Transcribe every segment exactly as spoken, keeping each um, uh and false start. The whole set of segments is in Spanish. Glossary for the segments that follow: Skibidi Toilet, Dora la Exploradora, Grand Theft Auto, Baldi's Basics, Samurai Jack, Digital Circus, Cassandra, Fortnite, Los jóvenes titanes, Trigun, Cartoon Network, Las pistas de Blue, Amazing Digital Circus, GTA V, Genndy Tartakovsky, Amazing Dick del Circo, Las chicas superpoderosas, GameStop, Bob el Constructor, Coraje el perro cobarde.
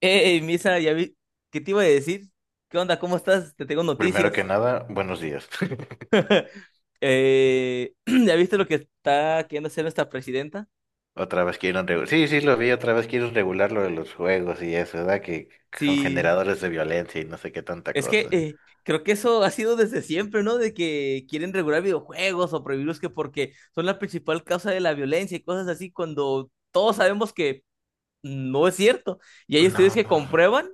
Hey, Misa, ya vi, ¿qué te iba a decir? ¿Qué onda? ¿Cómo estás? Te tengo Primero que noticias. nada, buenos días. Eh, ¿ya viste lo que está queriendo hacer nuestra presidenta? Otra vez quieren regular. Sí, sí, lo vi, otra vez quieren regular lo de los juegos y eso, ¿verdad? Que con Sí, generadores de violencia y no sé qué tanta es que cosa. eh, creo que eso ha sido desde siempre, ¿no? De que quieren regular videojuegos o prohibirlos que porque son la principal causa de la violencia y cosas así, cuando todos sabemos que no es cierto. Y hay estudios No, que comprueban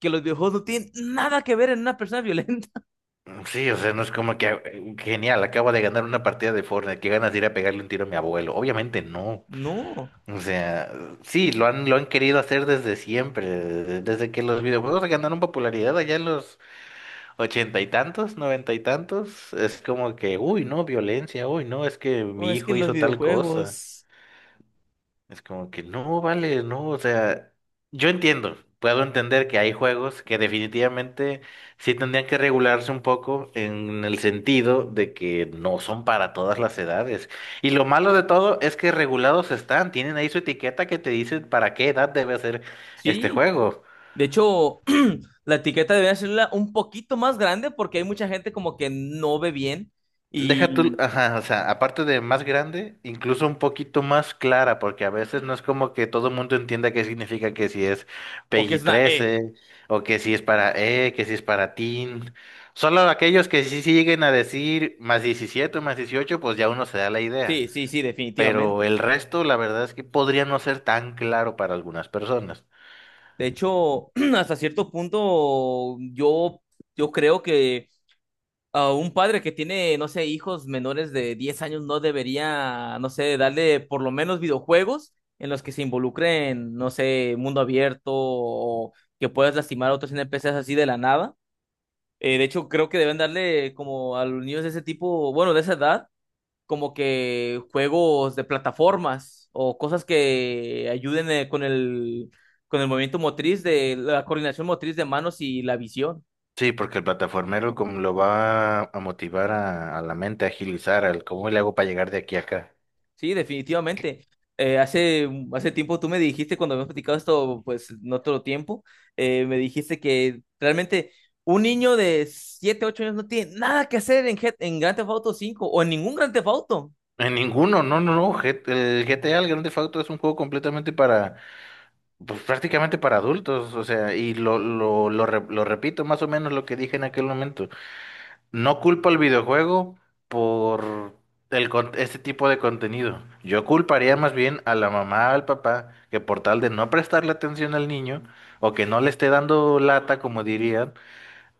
que los videojuegos no tienen nada que ver en una persona violenta. sí, o sea, no es como que eh, genial, acabo de ganar una partida de Fortnite, qué ganas de ir a pegarle un tiro a mi abuelo. Obviamente no. No, O sea, sí, lo han, lo han querido hacer desde siempre, desde que los videojuegos ganaron popularidad allá en los Ochenta y tantos, noventa y tantos, es como que, uy, no, violencia, uy, no, es que oh, mi es que hijo los hizo tal cosa. videojuegos... Es como que, no, vale, no, o sea, yo entiendo, puedo entender que hay juegos que definitivamente sí tendrían que regularse un poco en el sentido de que no son para todas las edades. Y lo malo de todo es que regulados están, tienen ahí su etiqueta que te dice para qué edad debe ser este Sí. juego. De hecho, la etiqueta debería ser un poquito más grande porque hay mucha gente como que no ve bien Deja tú, y ajá, o sea, aparte de más grande, incluso un poquito más clara, porque a veces no es como que todo el mundo entienda qué significa que si es o que es P G una E. trece o que si es para E, que si es para Teen. Solo aquellos que sí siguen a decir más diecisiete o más dieciocho, pues ya uno se da la idea. Sí, sí, sí, Pero definitivamente. el resto, la verdad es que podría no ser tan claro para algunas personas. De hecho, hasta cierto punto yo yo creo que a un padre que tiene, no sé, hijos menores de diez años no debería, no sé, darle por lo menos videojuegos en los que se involucren, no sé, mundo abierto o que puedas lastimar a otros N P Ces así de la nada. Eh, de hecho, creo que deben darle como a los niños de ese tipo, bueno, de esa edad, como que juegos de plataformas o cosas que ayuden eh, con el, con el movimiento motriz, de la coordinación motriz de manos y la visión. Sí, porque el plataformero como lo va a motivar a, a la mente a agilizar, al cómo le hago para llegar de aquí a acá. Sí, definitivamente. Eh, hace, hace tiempo tú me dijiste, cuando habíamos platicado esto, pues en otro tiempo, eh, me dijiste que realmente un niño de siete ocho años no tiene nada que hacer en, Head- en Grand Theft Auto cinco o en ningún Grand Theft Auto. En ninguno, no, no, no. G- el G T A, el Grand Theft Auto, es un juego completamente para, pues, prácticamente para adultos, o sea, y lo, lo, lo, re- lo repito más o menos lo que dije en aquel momento. No culpo al videojuego por el, con- este tipo de contenido. Yo culparía más bien a la mamá, al papá, que por tal de no prestarle atención al niño, o que no le esté dando lata, como dirían,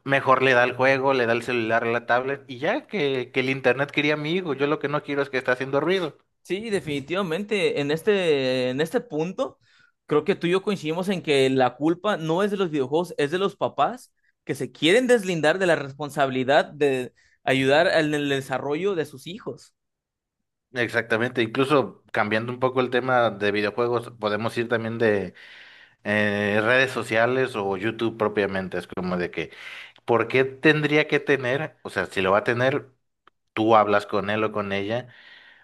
mejor le da el juego, le da el celular, la tablet, y ya que, que el internet quería mi hijo. Yo lo que no quiero es que esté haciendo ruido. Sí, definitivamente. En este, en este punto, creo que tú y yo coincidimos en que la culpa no es de los videojuegos, es de los papás que se quieren deslindar de la responsabilidad de ayudar en el desarrollo de sus hijos. Exactamente, incluso cambiando un poco el tema de videojuegos, podemos ir también de eh, redes sociales o YouTube propiamente, es como de que, ¿por qué tendría que tener, o sea, si lo va a tener, tú hablas con él o con ella,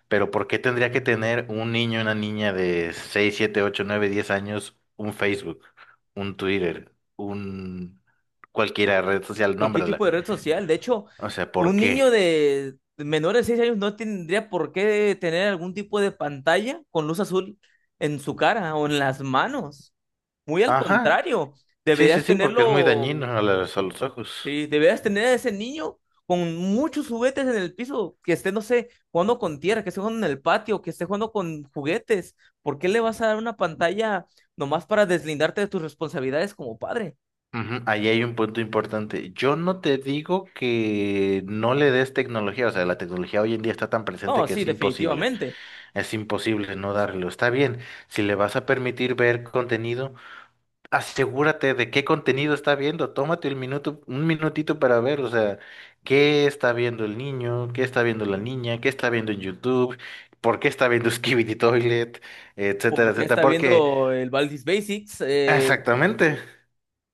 pero ¿por qué tendría que tener un niño, una niña de seis siete ocho nueve diez años un Facebook, un Twitter, un cualquiera red social, Cualquier tipo nómbrala? de red social. De hecho, O sea, ¿por un qué? niño de menor de seis años no tendría por qué tener algún tipo de pantalla con luz azul en su cara o en las manos. Muy al Ajá, contrario, sí, sí, deberías sí, porque es muy tenerlo. dañino a los a los ojos. Sí, deberías tener a ese niño con muchos juguetes en el piso, que esté, no sé, jugando con tierra, que esté jugando en el patio, que esté jugando con juguetes. ¿Por qué le vas a dar una pantalla nomás para deslindarte de tus responsabilidades como padre? Ujú, ahí hay un punto importante. Yo no te digo que no le des tecnología, o sea, la tecnología hoy en día está tan presente No, que sí, es imposible, definitivamente. es imposible no darlo. Está bien, si le vas a permitir ver contenido, asegúrate de qué contenido está viendo, tómate el minuto, un minutito para ver, o sea, qué está viendo el niño, qué está viendo la niña, qué está viendo en YouTube, por qué está viendo Skibidi Toilet, etcétera, Porque etcétera, está porque... viendo el Baldi's Basics, eh, Exactamente.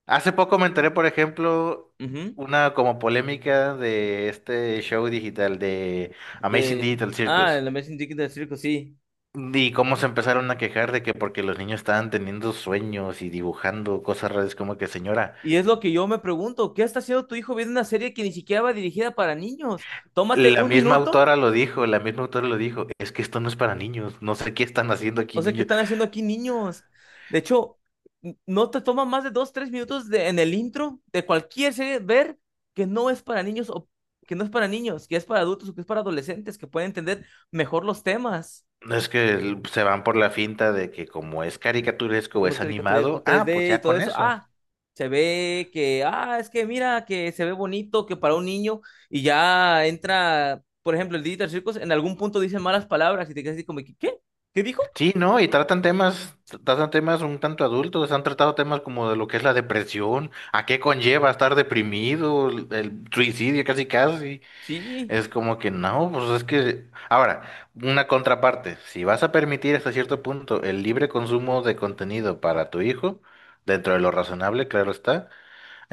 Hace poco me enteré, por ejemplo, ujú, una como polémica de este show digital de Amazing de... Digital Ah, Circus. el Amazing Dick del Circo, sí. Y cómo se empezaron a quejar de que porque los niños estaban teniendo sueños y dibujando cosas raras, como que señora, Y es lo que yo me pregunto, ¿qué está haciendo tu hijo viendo una serie que ni siquiera va dirigida para niños? Tómate la un misma minuto. autora lo dijo, la misma autora lo dijo, es que esto no es para niños, no sé qué están haciendo O aquí sea, ¿qué niños. están haciendo aquí niños? De hecho, n- no te toma más de dos, tres minutos de- en el intro de cualquier serie ver que no es para niños o que no es para niños, que es para adultos o que es para adolescentes, que pueden entender mejor los temas, No es que se van por la finta de que como es caricaturesco o como es es caricaturas con animado, ah, pues tres D y ya todo con eso. eso. Ah, se ve que, ah, es que mira, que se ve bonito, que para un niño y ya entra, por ejemplo, el Digital Circus, en algún punto dice malas palabras y te quedas así como, que, ¿qué? ¿Qué dijo? Sí, ¿no? Y tratan temas, tratan temas un tanto adultos, han tratado temas como de lo que es la depresión, a qué conlleva estar deprimido, el, el suicidio casi casi. Sí. Es como que no, pues es que... Ahora, una contraparte, si vas a permitir hasta cierto punto el libre consumo de contenido para tu hijo, dentro de lo razonable, claro está,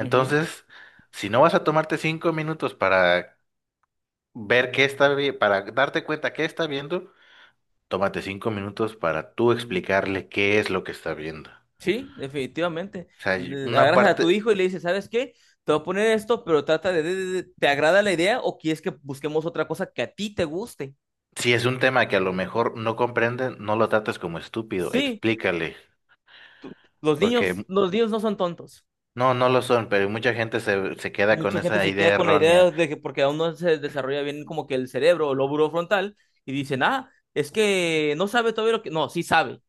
Ujú. si no vas a tomarte cinco minutos para ver qué está bien, para darte cuenta qué está viendo, tómate cinco minutos para tú explicarle qué es lo que está viendo. O Sí, definitivamente. sea, y Le una Agarras a tu parte, hijo y le dices, ¿sabes qué? Te voy a poner esto, pero trata de, de- de- ¿te agrada la idea o quieres que busquemos otra cosa que a ti te guste? si es un tema que a lo mejor no comprenden, no lo trates como estúpido, Sí, explícale, los porque niños, mm, los niños no son tontos. no, no lo son, pero mucha gente se, se queda con Mucha gente esa se queda idea con la errónea. idea de que porque aún no se desarrolla bien como que el cerebro o lóbulo frontal y dicen, ah, es que no sabe todavía lo que... No, sí sabe,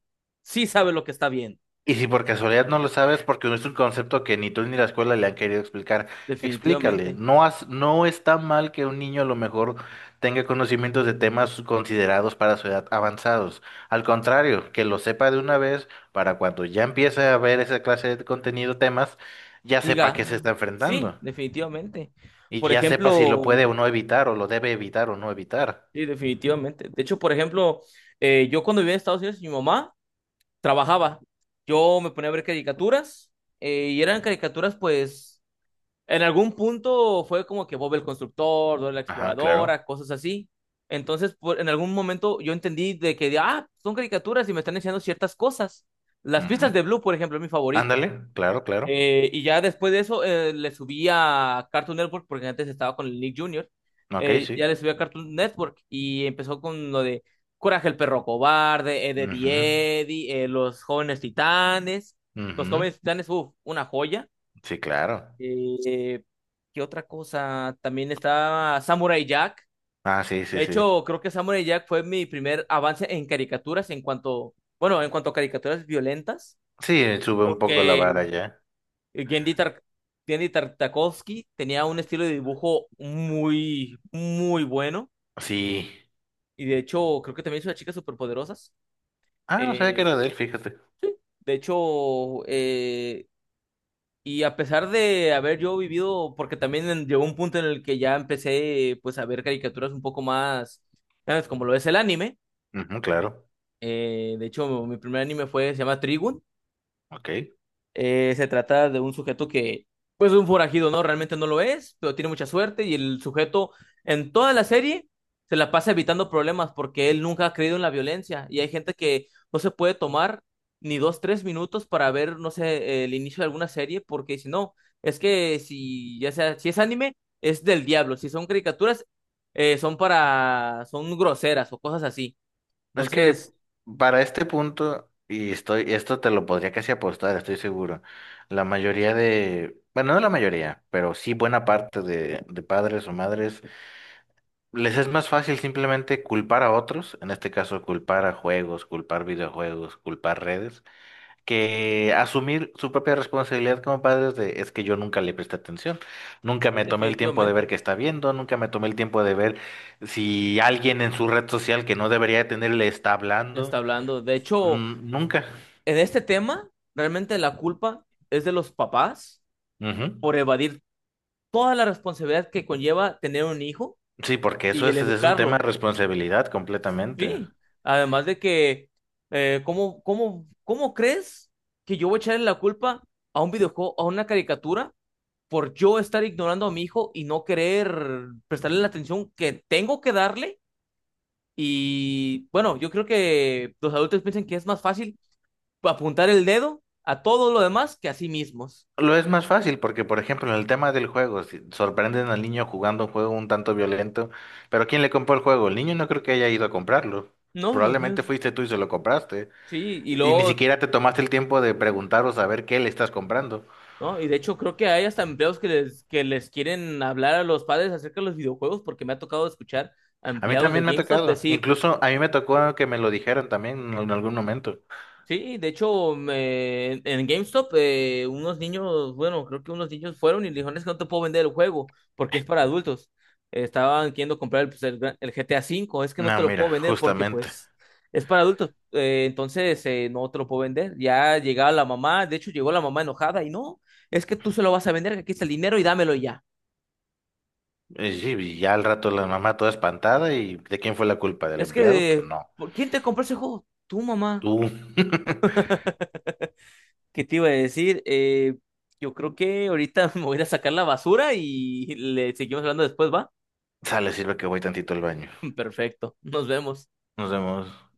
sí sabe lo que está bien, Y si por casualidad no lo sabes, porque no es un concepto que ni tú ni la escuela le han querido explicar, explícale. definitivamente. No, has- no está mal que un niño a lo mejor tenga conocimientos de temas considerados para su edad avanzados. Al contrario, que lo sepa de una vez para cuando ya empiece a ver esa clase de contenido, temas, ya sepa a qué se Diga, está sí, enfrentando. definitivamente. Y Por ya sepa si lo ejemplo... puede o no evitar, o lo debe evitar o no evitar. Sí, definitivamente. De hecho, por ejemplo, eh, yo cuando vivía en Estados Unidos, mi mamá trabajaba. Yo me ponía a ver caricaturas eh, y eran caricaturas, pues, en algún punto fue como que Bob el Constructor, Dora la Ajá, claro. Exploradora, cosas así. Entonces, por- en algún momento yo entendí de que, ah, son caricaturas y me están enseñando ciertas cosas. Las pistas Ujú. de Blue, por ejemplo, es mi favorito. Ándale, claro, claro. Eh, y ya después de eso eh, le subí a Cartoon Network porque antes estaba con el Nick junior Ok, Eh, ya sí. le subí a Cartoon Network y empezó con lo de Coraje el perro cobarde, Ed, Ujú, Eddie, Eddie, eh, Los jóvenes titanes. Los ujú. jóvenes titanes, uff, una joya. Sí, claro. Eh, ¿Qué otra cosa? También estaba Samurai Jack. Ah, sí, sí, De sí. hecho, creo que Samurai Jack fue mi primer avance en caricaturas en cuanto, bueno, en cuanto a caricaturas violentas. Sí, eh, sube un poco la Porque vara ya. eh, Gendy, Tar- Gendy Tartakovsky tenía un estilo de dibujo muy, muy bueno. Sí. Y de hecho, creo que también hizo las chicas superpoderosas. Ah, no sabía que Eh, era de él, fíjate. de hecho, eh, y a pesar de haber yo vivido, porque también en- llegó un punto en el que ya empecé pues a ver caricaturas un poco más, ¿sabes? Como lo es el anime. Ujú, claro. Eh, de hecho, mi primer anime fue, se llama Trigun. Ok. Eh, se trata de un sujeto que, pues, es un forajido, ¿no? Realmente no lo es, pero tiene mucha suerte y el sujeto en toda la serie se la pasa evitando problemas porque él nunca ha creído en la violencia y hay gente que no se puede tomar ni dos, tres minutos para ver, no sé, el inicio de alguna serie porque dice, no, es que si, ya sea, si es anime, es del diablo, si son caricaturas, eh, son para, son groseras o cosas así. Es que Entonces, para este punto, y estoy, esto te lo podría casi apostar, estoy seguro. La mayoría de, bueno, no la mayoría, pero sí buena parte de, de padres o madres, les es más fácil simplemente culpar a otros, en este caso culpar a juegos, culpar videojuegos, culpar redes que asumir su propia responsabilidad como padres de, es que yo nunca le presté atención, nunca sí, me tomé el tiempo de ver definitivamente, qué está viendo, nunca me tomé el tiempo de ver si alguien en su red social que no debería tener le está ya está hablando. hablando. De hecho... Mm, nunca. En este tema, realmente la culpa es de los papás Ujú. por evadir toda la responsabilidad que conlleva tener un hijo Sí, porque eso y el es, es un tema de educarlo. responsabilidad completamente. Sí, además de que, eh, ¿cómo, cómo, ¿cómo crees que yo voy a echarle la culpa a un videojuego, a una caricatura, por yo estar ignorando a mi hijo y no querer prestarle la atención que tengo que darle? Y bueno, yo creo que los adultos piensan que es más fácil apuntar el dedo a todo lo demás que a sí mismos. Lo es más fácil porque, por ejemplo, en el tema del juego, si sorprenden al niño jugando un juego un tanto violento, pero ¿quién le compró el juego? El niño no creo que haya ido a comprarlo. No, los Probablemente niños, fuiste tú y se lo compraste. sí, y Y ni luego, siquiera te tomaste el tiempo de preguntar o saber qué le estás comprando. ¿no? Y de hecho creo que hay hasta empleados que les, que les quieren hablar a los padres acerca de los videojuegos, porque me ha tocado escuchar a A mí empleados de también me ha GameStop tocado. decir, Incluso a mí me tocó que me lo dijeran también en algún momento. sí, de hecho, me- en GameStop, eh, unos niños, bueno, creo que unos niños fueron y le dijeron, es que no te puedo vender el juego porque es para adultos. Eh, estaban queriendo comprar el, pues, el gra- el G T A V, es que no No, te lo mira, puedo vender porque justamente. pues es para adultos. Eh, entonces, eh, no te lo puedo vender. Ya llegaba la mamá, de hecho llegó la mamá enojada y no, es que tú se lo vas a vender, que aquí está el dinero y dámelo ya. Y sí, y ya al rato la mamá toda espantada y ¿de quién fue la culpa? ¿Del Es empleado? que, Pues eh, no. ¿por- ¿quién te compró ese juego? Tu mamá. Tú. ¿Qué te iba a decir? Eh, yo creo que ahorita me voy a ir a sacar la basura y le seguimos hablando después, ¿va? Sale, sirve que voy tantito al baño. Perfecto, nos vemos. Nos vemos.